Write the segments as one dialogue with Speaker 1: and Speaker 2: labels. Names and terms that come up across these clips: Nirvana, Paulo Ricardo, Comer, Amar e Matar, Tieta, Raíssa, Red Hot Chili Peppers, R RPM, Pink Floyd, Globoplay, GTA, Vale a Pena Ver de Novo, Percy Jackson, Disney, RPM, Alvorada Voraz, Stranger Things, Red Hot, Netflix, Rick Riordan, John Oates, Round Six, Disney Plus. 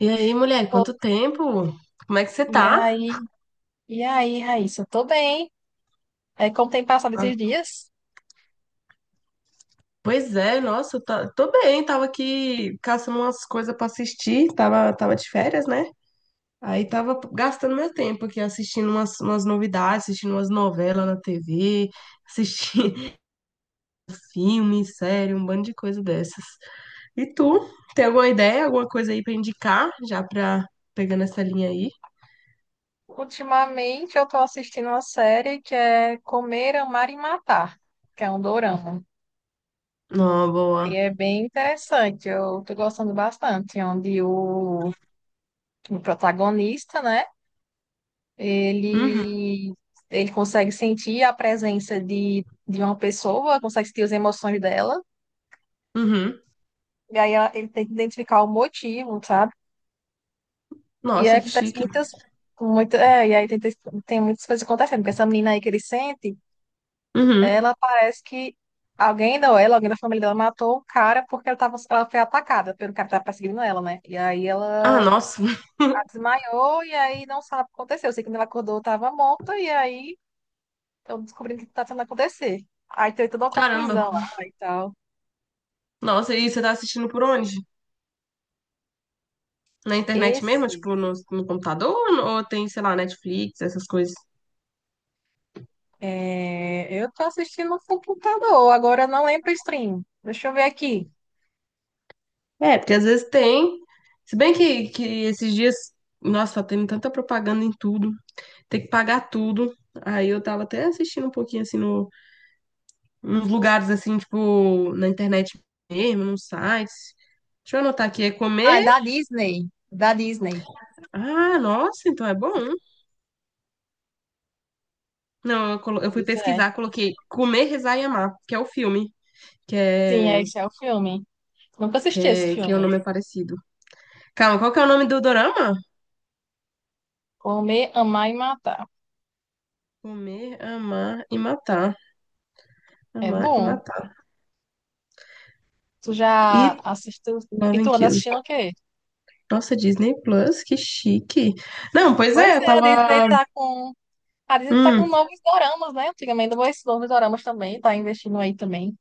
Speaker 1: E aí, mulher,
Speaker 2: Ô,
Speaker 1: quanto tempo? Como é que você
Speaker 2: E
Speaker 1: tá?
Speaker 2: aí, e aí, Raíssa? Eu tô bem. É, como tem passado
Speaker 1: Ah,
Speaker 2: esses dias?
Speaker 1: Pois é, nossa, tô bem, tava aqui caçando umas coisas pra assistir, tava de férias, né? Aí tava gastando meu tempo aqui assistindo umas novidades, assistindo umas novelas na TV, assistindo filme, série, um bando de coisa dessas. E tu, tem alguma ideia, alguma coisa aí pra indicar, já pra pegar nessa linha aí?
Speaker 2: Ultimamente eu tô assistindo uma série que é Comer, Amar e Matar, que é um dorama.
Speaker 1: Não,
Speaker 2: Aí
Speaker 1: boa.
Speaker 2: é bem interessante, eu tô gostando bastante, onde o protagonista, né,
Speaker 1: Uhum,
Speaker 2: ele, ele consegue sentir a presença de uma pessoa, consegue sentir as emoções dela,
Speaker 1: uhum.
Speaker 2: e aí ele tem que identificar o motivo, sabe? E aí
Speaker 1: Nossa, que
Speaker 2: acontece
Speaker 1: chique.
Speaker 2: muitas, muita, é, e aí tem muitas coisas acontecendo, porque essa menina aí que ele sente,
Speaker 1: Uhum.
Speaker 2: ela parece que alguém alguém da família dela matou um cara porque ela foi atacada pelo cara que tava perseguindo ela, né? E aí
Speaker 1: Ah,
Speaker 2: ela
Speaker 1: nossa.
Speaker 2: desmaiou e aí não sabe o que aconteceu. Eu sei que quando ela acordou, tava morta, e aí estão descobrindo o que tá tentando acontecer. Aí tem toda uma
Speaker 1: Caramba,
Speaker 2: confusão lá e tal.
Speaker 1: nossa, e você tá assistindo por onde? Na internet mesmo?
Speaker 2: Esse,
Speaker 1: Tipo, no computador? Ou no- Ou tem, sei lá, Netflix, essas coisas?
Speaker 2: eu tô assistindo no computador, agora eu não lembro o stream. Deixa eu ver aqui.
Speaker 1: É, porque às vezes tem. Se bem que esses dias, nossa, tá tendo tanta propaganda em tudo. Tem que pagar tudo. Aí eu tava até assistindo um pouquinho, assim, no, nos lugares, assim, tipo, na internet mesmo, nos sites. Deixa eu anotar aqui, é
Speaker 2: Ah, é
Speaker 1: comer.
Speaker 2: da Disney. Da Disney.
Speaker 1: Ah, nossa, então é bom. Não, eu, eu fui
Speaker 2: Pois é.
Speaker 1: pesquisar, coloquei Comer, Rezar e Amar, que é o filme, que
Speaker 2: Sim, é,
Speaker 1: é
Speaker 2: esse é o filme. Nunca
Speaker 1: Que,
Speaker 2: assisti esse
Speaker 1: é, que o
Speaker 2: filme.
Speaker 1: nome é parecido. Calma, qual que é o nome do dorama?
Speaker 2: Comer, Amar e Matar.
Speaker 1: Comer, amar e matar.
Speaker 2: É
Speaker 1: Amar e
Speaker 2: bom.
Speaker 1: matar.
Speaker 2: Tu
Speaker 1: E
Speaker 2: já assistiu? E
Speaker 1: Love and
Speaker 2: tu anda
Speaker 1: Kill.
Speaker 2: assistindo o quê?
Speaker 1: Nossa, Disney Plus, que chique. Não, pois
Speaker 2: Pois
Speaker 1: é, eu
Speaker 2: é, a Disney
Speaker 1: tava.
Speaker 2: tá com. A Disney tá com
Speaker 1: Hum,
Speaker 2: novos doramas, né? Antigamente, esses novos doramas também, tá investindo aí também.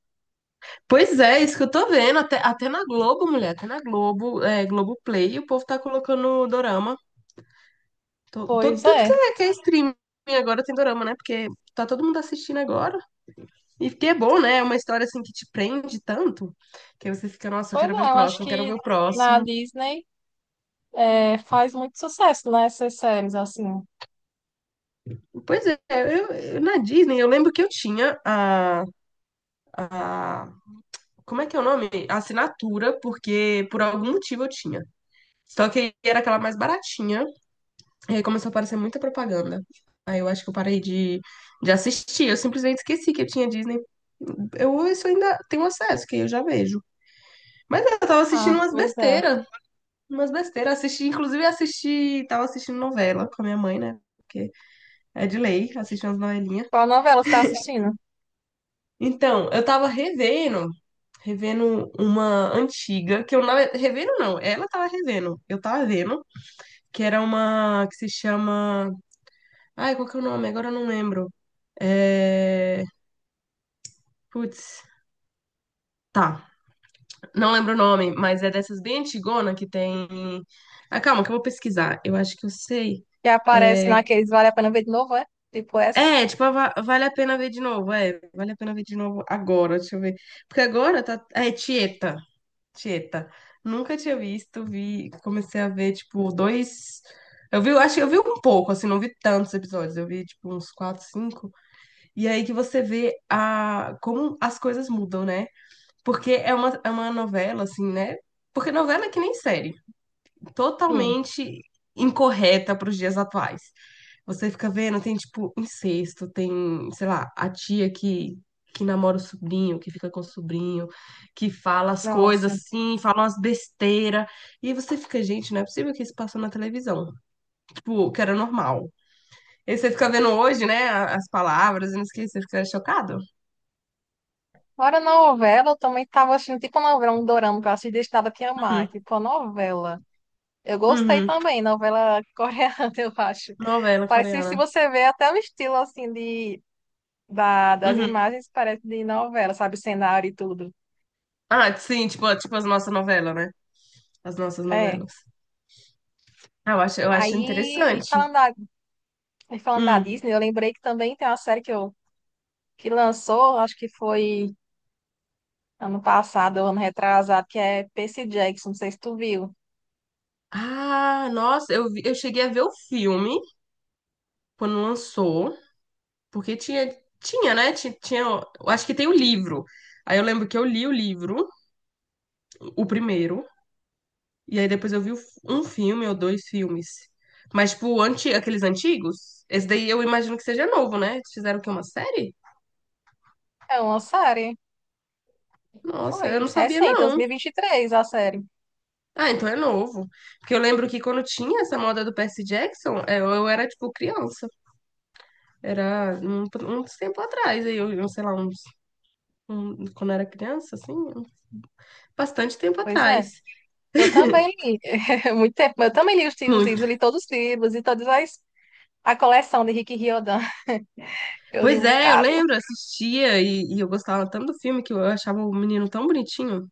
Speaker 1: pois é, é isso que eu tô vendo. Até, até na Globo, mulher, até na Globo, é, Globoplay, o povo tá colocando dorama.
Speaker 2: Pois
Speaker 1: Tudo
Speaker 2: é.
Speaker 1: que que é streaming agora tem dorama, né? Porque tá todo mundo assistindo agora. E que é bom, né? É uma história assim que te prende tanto que aí você fica, nossa, eu
Speaker 2: Pois
Speaker 1: quero ver o
Speaker 2: é, eu acho
Speaker 1: próximo, eu quero
Speaker 2: que
Speaker 1: ver o
Speaker 2: na
Speaker 1: próximo.
Speaker 2: Disney é, faz muito sucesso, né? Essas séries, assim.
Speaker 1: Pois é, na Disney eu lembro que eu tinha a. Como é que é o nome? A assinatura, porque por algum motivo eu tinha. Só que era aquela mais baratinha, e aí começou a aparecer muita propaganda. Aí eu acho que eu parei de assistir, eu simplesmente esqueci que eu tinha Disney. Eu isso ainda tenho acesso, que eu já vejo. Mas é, eu tava assistindo
Speaker 2: Ah,
Speaker 1: umas
Speaker 2: pois é.
Speaker 1: besteiras, umas besteiras. Assisti, inclusive assisti, tava assistindo novela com a minha mãe, né? Porque é de lei, assisti umas novelinhas.
Speaker 2: Qual novela você tá assistindo?
Speaker 1: Então, eu tava revendo revendo uma antiga, que eu não. Revendo não, ela tava revendo. Eu tava vendo, que era uma que se chama. Ai, qual que é o nome? Agora eu não lembro. É. Putz. Tá, não lembro o nome, mas é dessas bem antigona que tem. Ah, calma, que eu vou pesquisar. Eu acho que eu sei.
Speaker 2: Que aparece
Speaker 1: É,
Speaker 2: naqueles Vale a Pena Ver de Novo, é? Tipo essas?
Speaker 1: tipo, vale a pena ver de novo. É, vale a pena ver de novo agora. Deixa eu ver. Porque agora tá. Ah, é Tieta. Tieta. Nunca tinha visto, vi, comecei a ver, tipo, dois. Eu vi, eu acho que eu vi um pouco, assim, não vi tantos episódios, eu vi, tipo, uns quatro, cinco. E aí que você vê a, como as coisas mudam, né? Porque é é uma novela, assim, né? Porque novela é que nem série
Speaker 2: Sim.
Speaker 1: totalmente incorreta para os dias atuais. Você fica vendo, tem tipo incesto, tem, sei lá, a tia que namora o sobrinho, que fica com o sobrinho, que fala as coisas
Speaker 2: Nossa.
Speaker 1: assim, fala umas besteiras. E aí você fica, gente, não é possível que isso passou na televisão. Tipo, que era normal. E aí você fica vendo hoje, né, as palavras, e não esquece, você fica chocado.
Speaker 2: Fora novela, eu também tava assistindo tipo uma novela, um dorama que eu assisti desde nada que amar,
Speaker 1: Uhum,
Speaker 2: tipo a novela. Eu gostei
Speaker 1: uhum.
Speaker 2: também, novela coreana, eu acho.
Speaker 1: Novela
Speaker 2: Parece, se
Speaker 1: coreana.
Speaker 2: você vê até o estilo, assim, das
Speaker 1: Uhum.
Speaker 2: imagens, parece de novela, sabe? O cenário e tudo.
Speaker 1: Ah, sim, tipo, tipo as nossas novelas, né? As nossas
Speaker 2: É.
Speaker 1: novelas. Ah, eu acho, eu acho
Speaker 2: Aí, e
Speaker 1: interessante.
Speaker 2: falando e falando da
Speaker 1: Hum.
Speaker 2: Disney, eu lembrei que também tem uma série que lançou, acho que foi ano passado, ou ano retrasado, que é Percy Jackson, não sei se tu viu.
Speaker 1: Ah, nossa, eu cheguei a ver o filme quando lançou, porque tinha, tinha, né? Tinha, eu acho que tem o livro. Aí eu lembro que eu li o livro, o primeiro, e aí depois eu vi um filme ou dois filmes. Mas, tipo, anti, aqueles antigos, esse daí eu imagino que seja novo, né? Eles fizeram o quê? Uma série?
Speaker 2: É uma série.
Speaker 1: Nossa, eu não
Speaker 2: Foi
Speaker 1: sabia,
Speaker 2: recente,
Speaker 1: não.
Speaker 2: 2023, a série.
Speaker 1: Ah, então é novo. Porque eu lembro que quando tinha essa moda do Percy Jackson, é, eu era, tipo, criança. Era um tempo atrás, aí eu sei lá, uns quando era criança, assim, bastante tempo
Speaker 2: Pois é.
Speaker 1: atrás.
Speaker 2: Eu também li. Muito tempo. Mas eu também li os livros, eu li
Speaker 1: Muito.
Speaker 2: todos os livros e todas as. A coleção de Rick Riordan. Eu li
Speaker 1: Pois
Speaker 2: um
Speaker 1: é, eu
Speaker 2: bocado.
Speaker 1: lembro, assistia e eu gostava tanto do filme que eu achava o menino tão bonitinho.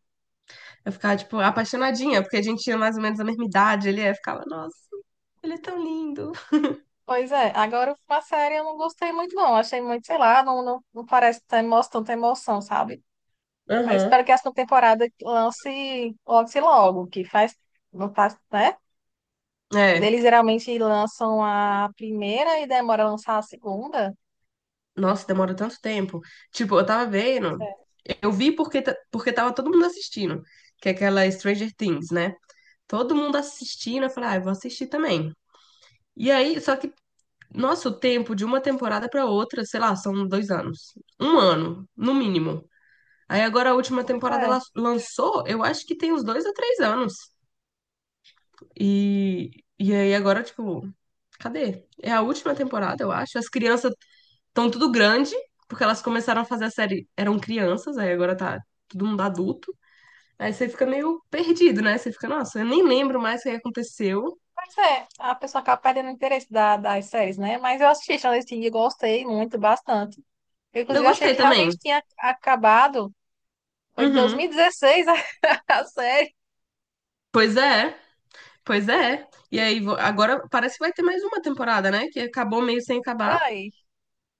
Speaker 1: Eu ficava, tipo, apaixonadinha, porque a gente tinha mais ou menos a mesma idade, ele é, ficava, nossa, ele é tão lindo.
Speaker 2: Pois é. Agora, uma série eu não gostei muito, não. Achei muito, sei lá, não parece ter emoção, tanta emoção, sabe? Mas
Speaker 1: Aham.
Speaker 2: espero que a segunda temporada lance logo, que faz. Não faz, né?
Speaker 1: É.
Speaker 2: Eles geralmente lançam a primeira e demora a lançar a segunda.
Speaker 1: Nossa, demora tanto tempo. Tipo, eu tava vendo,
Speaker 2: É,
Speaker 1: eu vi porque, porque tava todo mundo assistindo, que é aquela Stranger Things, né? Todo mundo assistindo, eu falei, ah, eu vou assistir também. E aí, só que nosso tempo de uma temporada para outra, sei lá, são dois anos. Um ano, no mínimo. Aí agora a última
Speaker 2: pois
Speaker 1: temporada
Speaker 2: é.
Speaker 1: ela lançou, eu acho que tem uns dois a três anos. E, e aí agora, tipo, cadê? É a última temporada, eu acho. As crianças estão tudo grande, porque elas começaram a fazer a série, eram crianças, aí agora tá todo mundo adulto. Aí você fica meio perdido, né? Você fica, nossa, eu nem lembro mais o que aconteceu.
Speaker 2: Pois é, a pessoa acaba perdendo o interesse das séries, né? Mas eu assisti Stranger Things e gostei muito, bastante. Eu,
Speaker 1: Eu
Speaker 2: inclusive, achei
Speaker 1: gostei
Speaker 2: que
Speaker 1: também.
Speaker 2: realmente tinha acabado. Foi de
Speaker 1: Uhum.
Speaker 2: 2016 a a série.
Speaker 1: Pois é. Pois é. E aí, agora parece que vai ter mais uma temporada, né? Que acabou meio sem acabar.
Speaker 2: Vai,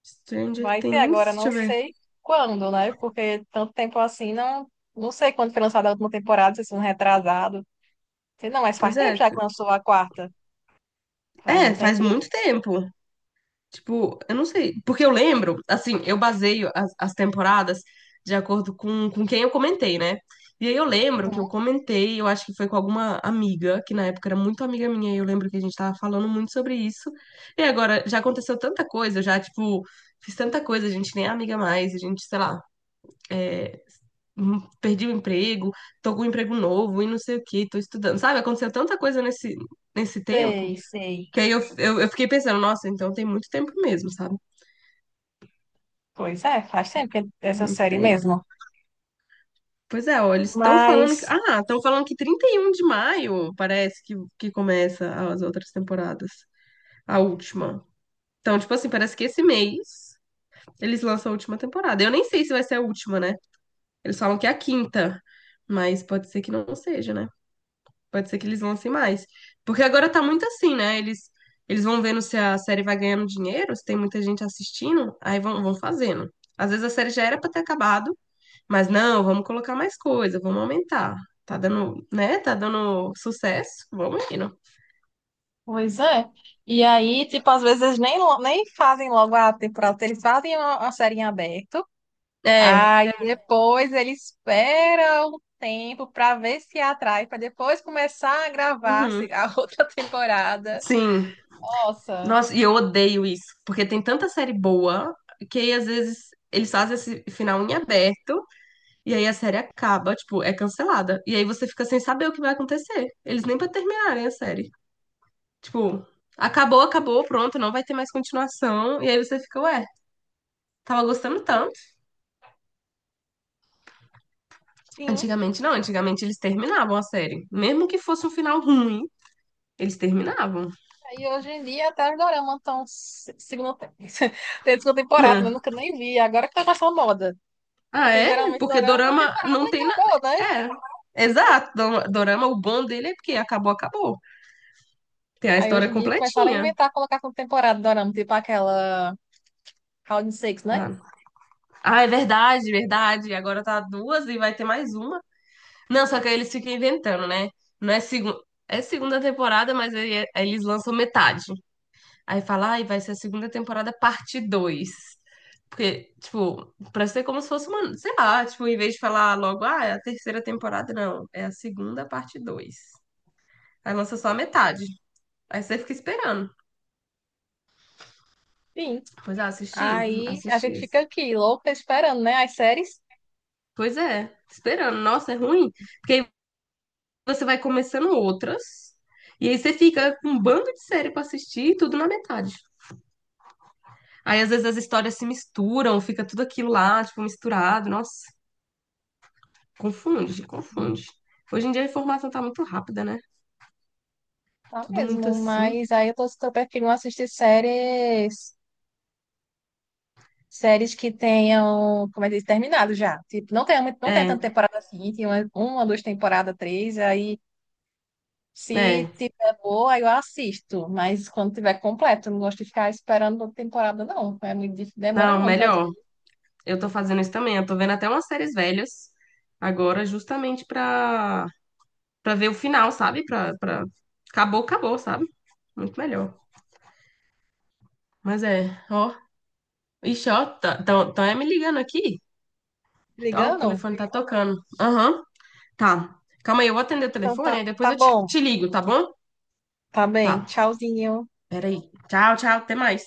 Speaker 1: Stranger
Speaker 2: vai ter
Speaker 1: Things,
Speaker 2: agora,
Speaker 1: deixa
Speaker 2: não
Speaker 1: eu ver.
Speaker 2: sei quando, né? Porque tanto tempo assim, não sei quando foi lançada a última temporada, se foi um retrasado. Sei não, mas faz
Speaker 1: Pois é.
Speaker 2: tempo já que lançou a quarta. Faz um
Speaker 1: É, faz
Speaker 2: tempinho.
Speaker 1: muito tempo. Tipo, eu não sei. Porque eu lembro, assim, eu baseio as temporadas de acordo com quem eu comentei, né? E aí eu lembro que
Speaker 2: Uhum.
Speaker 1: eu comentei, eu acho que foi com alguma amiga, que na época era muito amiga minha, e eu lembro que a gente tava falando muito sobre isso. E agora já aconteceu tanta coisa, eu já, tipo, fiz tanta coisa, a gente nem é amiga mais, a gente, sei lá. é, perdi o emprego, tô com um emprego novo e não sei o que, tô estudando. Sabe, aconteceu tanta coisa nesse, nesse tempo
Speaker 2: Sei, sei.
Speaker 1: que aí eu fiquei pensando, nossa, então tem muito tempo mesmo, sabe?
Speaker 2: Pois é, faz tempo que essa
Speaker 1: Muito
Speaker 2: série
Speaker 1: tempo.
Speaker 2: mesmo.
Speaker 1: Pois é, olha, eles estão falando que.
Speaker 2: Mas.
Speaker 1: Ah, estão falando que 31 de maio parece que começa as outras temporadas. A última. Então, tipo assim, parece que esse mês eles lançam a última temporada. Eu nem sei se vai ser a última, né? Eles falam que é a quinta, mas pode ser que não seja, né? Pode ser que eles lancem mais. Porque agora tá muito assim, né? Eles vão vendo se a série vai ganhando dinheiro, se tem muita gente assistindo, aí vão, vão fazendo. Às vezes a série já era pra ter acabado, mas não, vamos colocar mais coisa, vamos aumentar. Tá dando, né? Tá dando sucesso, vamos indo.
Speaker 2: Pois é. E aí, tipo, às vezes eles nem fazem logo a temporada, eles fazem uma série em aberto,
Speaker 1: É,
Speaker 2: aí é. Depois eles esperam um tempo pra ver se atrai, pra depois começar a gravar
Speaker 1: uhum,
Speaker 2: a outra temporada.
Speaker 1: sim.
Speaker 2: Nossa,
Speaker 1: Nossa, e eu odeio isso, porque tem tanta série boa que aí, às vezes eles fazem esse final em aberto. E aí a série acaba, tipo, é cancelada. E aí você fica sem saber o que vai acontecer. Eles nem pra terminarem a série. Tipo, acabou, acabou, pronto, não vai ter mais continuação. E aí você fica, ué, tava gostando tanto.
Speaker 2: sim.
Speaker 1: Antigamente não, antigamente eles terminavam a série. Mesmo que fosse um final ruim, eles terminavam.
Speaker 2: Aí hoje em dia até os doramas estão segunda, tem segunda temporada, eu
Speaker 1: Né?
Speaker 2: nunca nem vi, agora que tá com essa moda.
Speaker 1: Ah,
Speaker 2: Porque
Speaker 1: é?
Speaker 2: geralmente
Speaker 1: Porque
Speaker 2: dorama, a
Speaker 1: dorama
Speaker 2: temporada
Speaker 1: não tem nada.
Speaker 2: acabou, né?
Speaker 1: É. Exato, dorama, o bom dele é porque acabou, acabou. Tem a
Speaker 2: Aí
Speaker 1: história
Speaker 2: hoje em dia começaram a
Speaker 1: completinha.
Speaker 2: inventar, colocar com temporada dorama, tipo aquela. Round Six, né?
Speaker 1: Ah, ah, é verdade, verdade. Agora tá duas e vai ter mais uma. Não, só que aí eles ficam inventando, né? Não é segunda. É segunda temporada, mas aí, aí eles lançam metade. Aí fala, ai, vai ser a segunda temporada parte dois. Porque, tipo, pra ser como se fosse uma. Sei lá, tipo, em vez de falar logo, ah, é a terceira temporada, não. É a segunda parte 2. Aí lança só a metade. Aí você fica esperando.
Speaker 2: Sim.
Speaker 1: Pois é, assisti.
Speaker 2: Aí a
Speaker 1: Assisti
Speaker 2: gente fica
Speaker 1: esse.
Speaker 2: aqui, louca, esperando, né? As séries.
Speaker 1: Pois é, esperando. Nossa, é ruim. Porque aí você vai começando outras. E aí você fica com um bando de série pra assistir e tudo na metade. Aí às vezes as histórias se misturam, fica tudo aquilo lá, tipo, misturado. Nossa, confunde, confunde. Hoje em dia a informação tá muito rápida, né?
Speaker 2: Tá
Speaker 1: Tudo muito
Speaker 2: mesmo,
Speaker 1: assim.
Speaker 2: mas aí eu tô super preferindo assistir séries. Séries que tenham, como é que diz, terminado já. Tipo, não tem, não tem tanta
Speaker 1: É,
Speaker 2: temporada assim, tem uma, duas temporadas, três, aí se
Speaker 1: é.
Speaker 2: tiver boa, aí eu assisto. Mas quando tiver completo, eu não gosto de ficar esperando outra temporada, não. É muito demora
Speaker 1: Não,
Speaker 2: muito, às
Speaker 1: melhor.
Speaker 2: vezes.
Speaker 1: Eu tô fazendo isso também. Eu tô vendo até umas séries velhas agora, justamente pra ver o final, sabe? Pra, pra... Acabou, acabou, sabe? Muito melhor. Mas é, ó. Ixi, ó, tá, tão é me ligando aqui. Ó, o
Speaker 2: Ligando?
Speaker 1: telefone tá tocando. Aham. Tá. Calma aí, eu vou atender o
Speaker 2: Então
Speaker 1: telefone,
Speaker 2: tá,
Speaker 1: aí depois
Speaker 2: tá
Speaker 1: eu
Speaker 2: bom.
Speaker 1: te ligo, tá bom?
Speaker 2: Tá
Speaker 1: Tá.
Speaker 2: bem. Tchauzinho.
Speaker 1: Peraí. Tchau, tchau, até mais.